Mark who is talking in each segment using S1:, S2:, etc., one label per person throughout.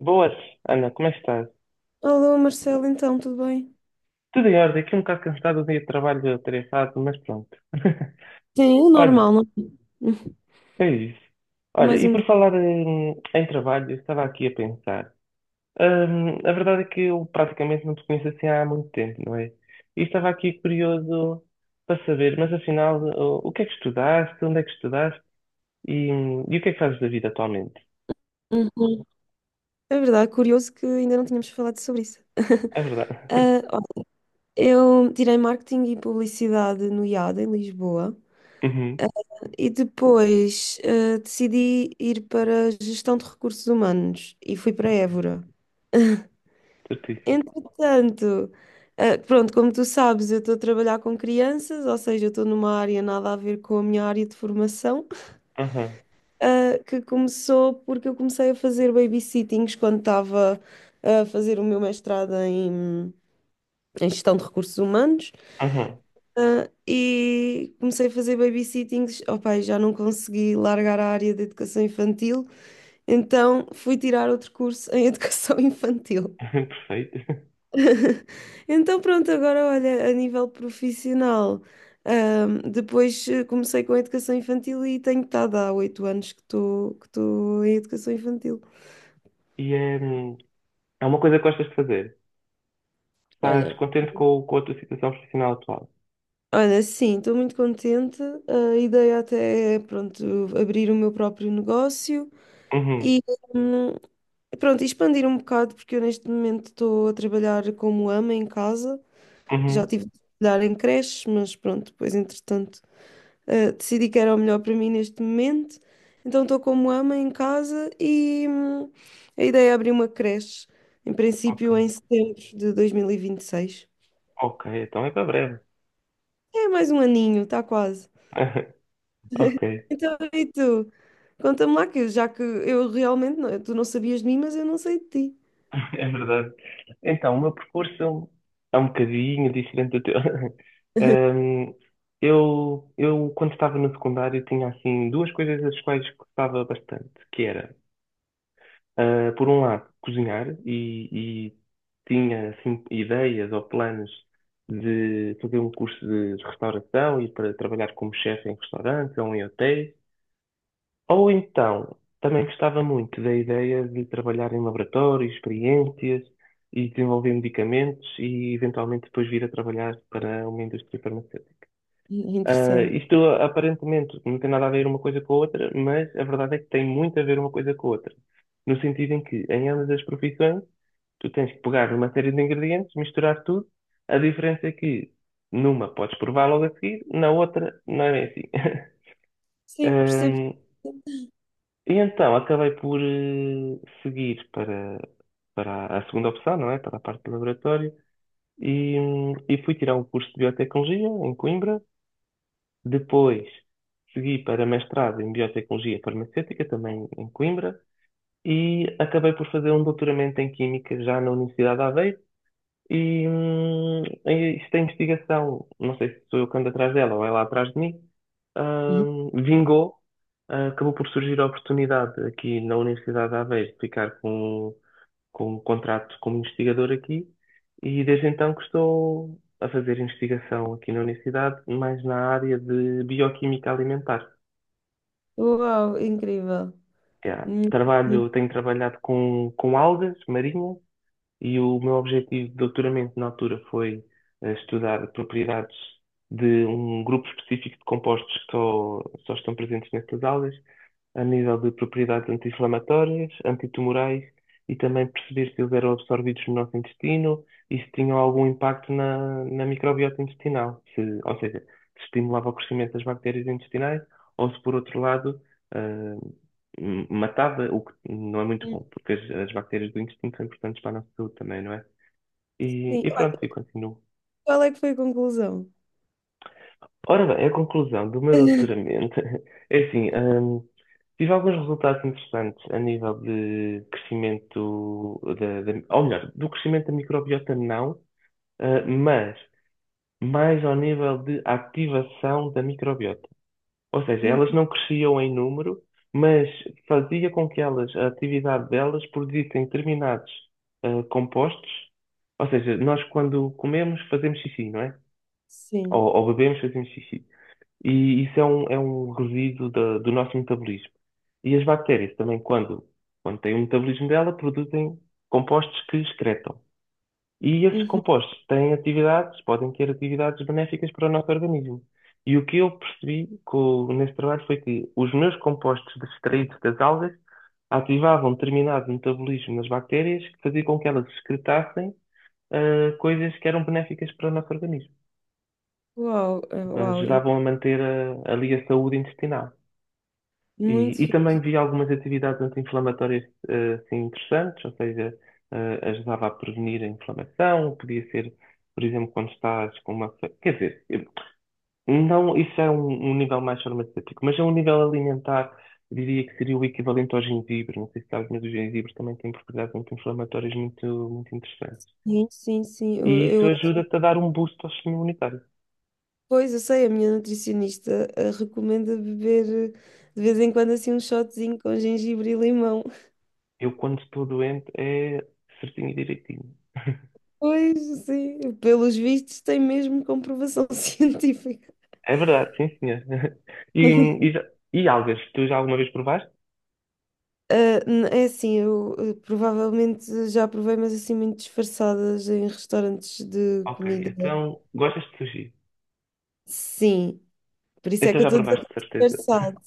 S1: Boas, Ana, como é que estás?
S2: Alô, Marcelo, então, tudo bem?
S1: Tudo em ordem, aqui um bocado cansado do dia de trabalho atarefado, mas pronto.
S2: Sim, o
S1: Olha,
S2: normal, não? É?
S1: é isso.
S2: Hum.
S1: Olha,
S2: Mais
S1: e
S2: um
S1: por
S2: dia.
S1: falar em trabalho, eu estava aqui a pensar. A verdade é que eu praticamente não te conheço assim há muito tempo, não é? E estava aqui curioso para saber, mas afinal, o que é que estudaste, onde é que estudaste e o que é que fazes da vida atualmente?
S2: Uhum. É verdade, curioso que ainda não tínhamos falado sobre isso.
S1: É verdade.
S2: Ah, olha, eu tirei marketing e publicidade no IAD, em Lisboa,
S1: Uhum.
S2: e depois decidi ir para gestão de recursos humanos e fui para
S1: Ok.
S2: Évora.
S1: Certíssimo.
S2: Entretanto, pronto, como tu sabes, eu estou a trabalhar com crianças, ou seja, eu estou numa área nada a ver com a minha área de formação.
S1: Aham,
S2: Que começou porque eu comecei a fazer babysittings quando estava a fazer o meu mestrado em gestão de recursos humanos.
S1: aham.
S2: E comecei a fazer babysittings, opa, e já não consegui largar a área de educação infantil, então fui tirar outro curso em educação infantil.
S1: Perfeito.
S2: Então pronto, agora olha, a nível profissional, comecei com a educação infantil e tenho estado há 8 anos que estou em educação infantil.
S1: E, é uma coisa que gostas de fazer. Estás
S2: Olha,
S1: contente com a tua situação profissional atual?
S2: olha, sim, estou muito contente. A ideia até é, pronto, abrir o meu próprio negócio
S1: Uhum,
S2: e, hum, pronto, expandir um bocado, porque eu neste momento estou a trabalhar como ama em casa. Já
S1: uhum.
S2: tive de trabalhar em creches, mas pronto, depois, entretanto, decidi que era o melhor para mim neste momento. Então estou como ama em casa e, a ideia é abrir uma creche, em
S1: Ok,
S2: princípio, em setembro de 2026.
S1: ok, então é para breve.
S2: É mais um aninho, está quase.
S1: Ok,
S2: Então, e tu? Conta-me lá que, já que eu realmente não, tu não sabias de mim, mas eu não sei de ti.
S1: é verdade. Então, o meu percurso é um bocadinho diferente do teu. Hum, eu, quando estava no secundário, tinha assim duas coisas das quais gostava bastante, que era por um lado, cozinhar e tinha assim, ideias ou planos de fazer um curso de restauração e para trabalhar como chefe em restaurantes ou em hotéis. Ou então, também gostava muito da ideia de trabalhar em laboratórios, experiências e desenvolver medicamentos e eventualmente depois vir a trabalhar para uma indústria farmacêutica. Ah,
S2: Interessante.
S1: isto aparentemente não tem nada a ver uma coisa com a outra, mas a verdade é que tem muito a ver uma coisa com a outra. No sentido em que, em ambas as profissões, tu tens que pegar uma série de ingredientes, misturar tudo. A diferença é que numa podes provar logo a seguir, na outra não é bem assim.
S2: Sim, percebo.
S1: Hum, e então acabei por seguir para a segunda opção, não é? Para a parte do laboratório. E fui tirar um curso de biotecnologia em Coimbra. Depois segui para mestrado em Biotecnologia Farmacêutica, também em Coimbra, e acabei por fazer um doutoramento em Química já na Universidade de Aveiro, e esta investigação, não sei se sou eu que ando atrás dela ou ela atrás de mim,
S2: Uhum.
S1: vingou. Ah, acabou por surgir a oportunidade aqui na Universidade de Aveiro de ficar com um contrato como investigador aqui e desde então que estou a fazer investigação aqui na universidade, mais na área de bioquímica alimentar.
S2: Uau, incrível.
S1: Já
S2: Hum, hum,
S1: trabalho, tenho trabalhado com algas marinhas. E o meu objetivo de doutoramento na altura foi estudar propriedades de um grupo específico de compostos que só estão presentes nestas aulas, a nível de propriedades anti-inflamatórias, antitumorais e também perceber se eles eram absorvidos no nosso intestino e se tinham algum impacto na microbiota intestinal, se, ou seja, se estimulava o crescimento das bactérias intestinais ou se, por outro lado, ah, matava, o que não é muito
S2: hum.
S1: bom, porque as bactérias do intestino são importantes para a nossa saúde também, não é? E,
S2: Sim.
S1: e pronto,
S2: Olha,
S1: e continuo.
S2: qual é que foi a conclusão?
S1: Ora bem, a conclusão do meu doutoramento é assim, tive alguns resultados interessantes a nível de crescimento, ou melhor, do crescimento da microbiota não, mas mais ao nível de ativação da microbiota. Ou seja,
S2: Hum.
S1: elas não cresciam em número, mas fazia com que elas, a atividade delas, produzissem determinados compostos. Ou seja, nós quando comemos fazemos xixi, não é? Ou,
S2: Sim.
S1: ou bebemos fazemos xixi. E isso é um resíduo do nosso metabolismo. E as bactérias também, quando têm o metabolismo dela, produzem compostos que excretam. E esses
S2: Uhum.
S1: compostos têm atividades, podem ter atividades benéficas para o nosso organismo. E o que eu percebi nesse trabalho foi que os meus compostos extraídos das algas ativavam determinado metabolismo nas bactérias que fazia com que elas excretassem coisas que eram benéficas para o nosso organismo.
S2: Uau, uau,
S1: Ajudavam a manter ali a saúde intestinal. E,
S2: muito
S1: e também
S2: fixe.
S1: vi algumas atividades anti-inflamatórias assim, interessantes, ou seja, ajudava a prevenir a inflamação, podia ser, por exemplo, quando estás com Quer dizer, não, isso é um nível mais farmacêutico, mas é um nível alimentar, eu diria que seria o equivalente ao gengibre. Não sei se sabes, mas o gengibre também tem propriedades anti-inflamatórias muito, muito interessantes.
S2: Sim, sim, sim.
S1: E isso ajuda-te a dar um boost ao sistema imunitário.
S2: Pois, eu sei, a minha nutricionista recomenda beber de vez em quando assim um shotzinho com gengibre e limão.
S1: Eu, quando estou doente, é certinho e direitinho.
S2: Pois, sim, pelos vistos tem mesmo comprovação científica.
S1: É verdade, sim, senhor. E, e, já- e algas, tu já alguma vez provaste?
S2: É assim, eu provavelmente já provei, mas assim muito disfarçadas em restaurantes de
S1: Ok,
S2: comida.
S1: então gostas de sushi?
S2: Sim, por isso é
S1: Então
S2: que eu
S1: já
S2: estou a dizer
S1: provaste
S2: que
S1: de
S2: é
S1: certeza.
S2: disfarçado.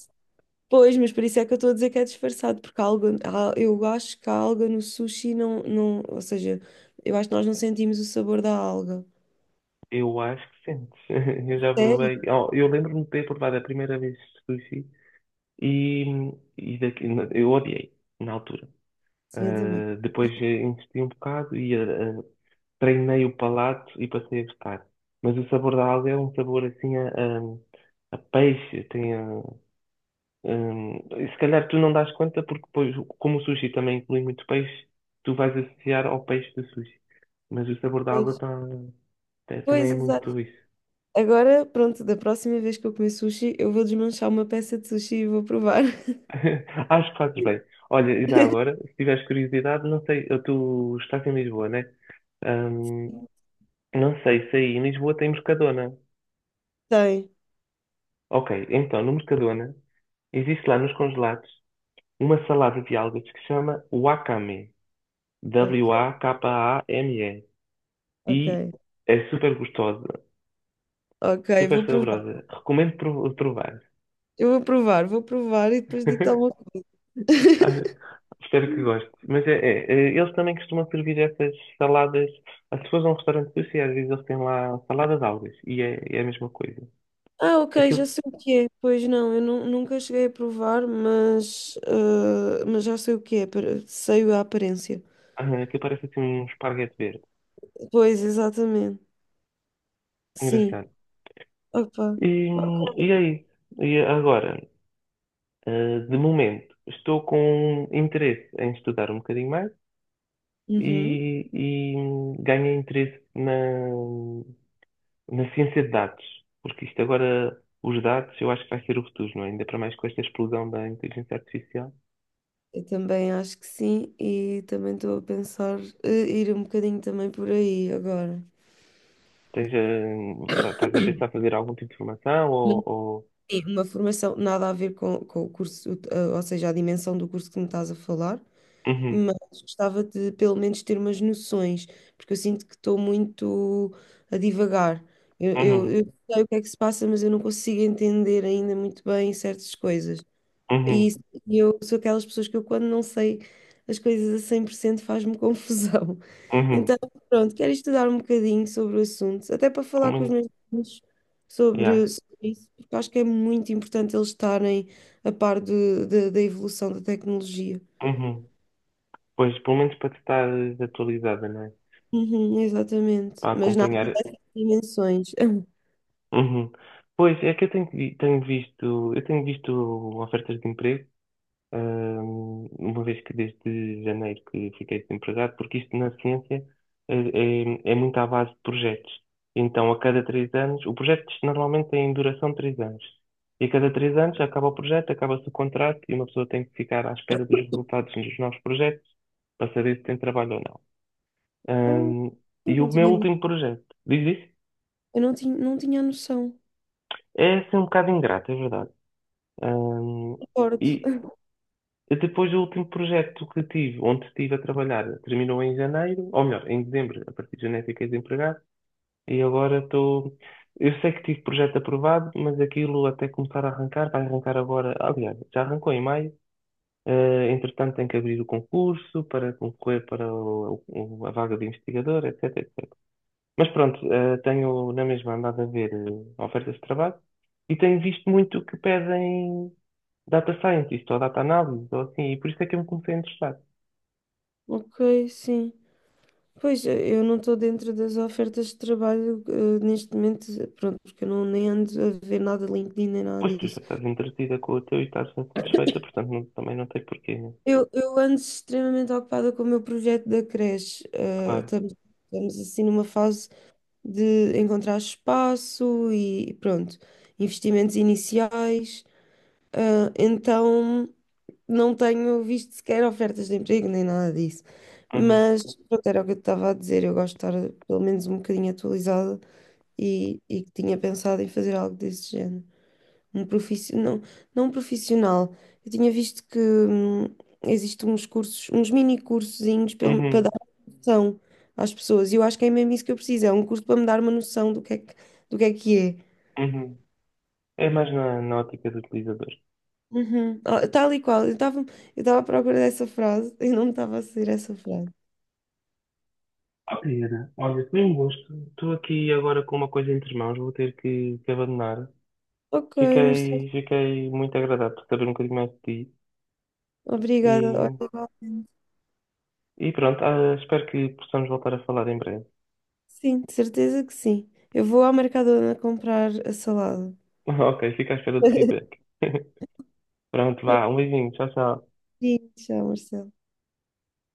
S2: Pois, mas por isso é que eu estou a dizer que é disfarçado, porque há algo, eu acho que a alga no sushi não, não, ou seja, eu acho que nós não sentimos o sabor da alga.
S1: Eu acho que sentes. Eu já
S2: Sério?
S1: provei. Oh, eu lembro-me de ter provado a primeira vez sushi e, e daqui, eu odiei na altura.
S2: Sim, eu também.
S1: Ah, depois investi um bocado e treinei o palato e passei a gostar. Mas o sabor da alga é um sabor assim a peixe, tem a. E se calhar tu não dás conta, porque depois, como o sushi também inclui muito peixe, tu vais associar ao peixe do sushi. Mas o sabor da
S2: Pois,
S1: água também
S2: pois,
S1: é muito
S2: exato.
S1: isso.
S2: Agora, pronto, da próxima vez que eu comer sushi, eu vou desmanchar uma peça de sushi e vou provar.
S1: Acho que fazes bem. Olha, e já agora, se tiveres curiosidade, não sei, tu estás em Lisboa, né? Hum, não sei se aí em Lisboa tem Mercadona.
S2: Tem.
S1: Ok, então no Mercadona existe lá nos congelados uma salada de algas que se chama wakame.
S2: Ok,
S1: Wakame. E
S2: ok.
S1: é super gostosa,
S2: Ok,
S1: super
S2: vou provar.
S1: saborosa. Recomendo provar.
S2: Eu vou provar e depois digo-te alguma coisa.
S1: Acho- Espero que goste. Mas eles também costumam servir essas saladas. As pessoas vão a um restaurante sushi, às vezes eles têm lá salada de algas e é a mesma coisa.
S2: Ah, ok, já
S1: Aquilo,
S2: sei o que é. Pois não, nunca cheguei a provar, mas, ah, mas já sei o que é. Sei a aparência.
S1: aquilo parece assim um esparguete verde.
S2: Pois, exatamente. Sim.
S1: Engraçado.
S2: Opa.
S1: E, e é isso. E agora, de momento, estou com interesse em estudar um bocadinho mais
S2: Uhum.
S1: e ganhei interesse na ciência de dados, porque isto agora, os dados, eu acho que vai ser o futuro, não é? Ainda para mais com esta explosão da inteligência artificial.
S2: Eu também acho que sim e também estou a pensar ir um bocadinho também por aí agora.
S1: Tens, estás a pensar fazer algum tipo de formação ou...
S2: Sim, uma formação nada a ver com o curso, ou seja, a dimensão do curso que me estás a falar,
S1: Uhum,
S2: mas gostava de pelo menos ter umas noções, porque eu sinto que estou muito a divagar. Eu, eu,
S1: uhum,
S2: eu sei o que é que se passa, mas eu não consigo entender ainda muito bem certas coisas. E
S1: uhum,
S2: isso- e eu sou aquelas pessoas que eu, quando não sei as coisas a 100% faz-me confusão.
S1: uhum.
S2: Então, pronto, quero estudar um bocadinho sobre o assunto, até para
S1: Pelo
S2: falar com os
S1: menos,
S2: meus filhos
S1: yeah.
S2: sobre, sobre isso, porque acho que é muito importante eles estarem a par da evolução da tecnologia.
S1: Uhum. Pois, pelo menos para te estar atualizada, não é?
S2: Uhum, exatamente.
S1: Para
S2: Mas nada
S1: acompanhar.
S2: dessas dimensões.
S1: Uhum. Pois, é que eu tenho, vi- tenho visto, eu tenho visto ofertas de emprego uma vez que desde janeiro que fiquei desempregado, porque isto na ciência eh, é muito à base de projetos. Então, a cada 3 anos, o projeto normalmente tem duração de 3 anos. E a cada 3 anos acaba o projeto, acaba-se o contrato e uma pessoa tem que ficar à espera dos resultados dos novos projetos para saber se tem trabalho ou não.
S2: Ah,
S1: Hum,
S2: eu
S1: e o
S2: não
S1: meu
S2: tinha, eu
S1: último projeto, diz isso?
S2: não tinha, não tinha noção.
S1: É assim um bocado ingrato, é verdade. Hum,
S2: Concordo.
S1: e Depois o último projeto que tive, onde estive a trabalhar, terminou em janeiro, ou melhor, em dezembro, a partir de janeiro fiquei desempregado, e agora estou. Eu sei que tive projeto aprovado, mas aquilo até começar a arrancar, vai arrancar agora, aliás, já arrancou em maio, entretanto tem que abrir o concurso para concorrer para a vaga de investigador, etc, mas pronto, tenho na mesma andado a ver ofertas de trabalho e tenho visto muito que pedem data scientist ou data analysis ou assim, e por isso é que eu me comecei a interessar.
S2: Ok, sim. Pois, eu não estou dentro das ofertas de trabalho, neste momento, pronto, porque eu não, nem ando a ver nada de LinkedIn nem nada
S1: Pois tu
S2: disso.
S1: já estás entretida com o teu e estás satisfeita, portanto também não tem porquê, né?
S2: Eu ando extremamente ocupada com o meu projeto da creche.
S1: Claro.
S2: Estamos assim numa fase de encontrar espaço e pronto, investimentos iniciais. Ah, então não tenho visto sequer ofertas de emprego nem nada disso.
S1: Uhum.
S2: Mas pronto, era o que eu te estava a dizer. Eu gosto de estar pelo menos um bocadinho atualizada e que tinha pensado em fazer algo desse género. Um profissi Não, não um profissional. Eu tinha visto que existem uns cursos, uns mini cursozinhos para
S1: Uhum.
S2: dar uma noção às pessoas. E eu acho que é mesmo isso que eu preciso. É um curso para me dar uma noção do que é que, do que é que é.
S1: Uhum. É mais na ótica do utilizador.
S2: Uhum. Oh, tal e qual. Eu estava à procura dessa frase e não me estava a sair essa frase.
S1: Ok, Ana, olha, foi um gosto. Estou aqui agora com uma coisa entre mãos, vou ter que abandonar.
S2: Ok, Marcelo.
S1: Fiquei muito agradado por saber um bocadinho mais de ti.
S2: Obrigada. Olha,
S1: E
S2: igualmente.
S1: E pronto, espero que possamos voltar a falar em breve.
S2: Sim, de certeza que sim. Eu vou à Mercadona comprar a salada.
S1: Ok, fica à espera do feedback. Pronto, vá, um beijinho, tchau, tchau.
S2: Sim, tchau, Marcelo.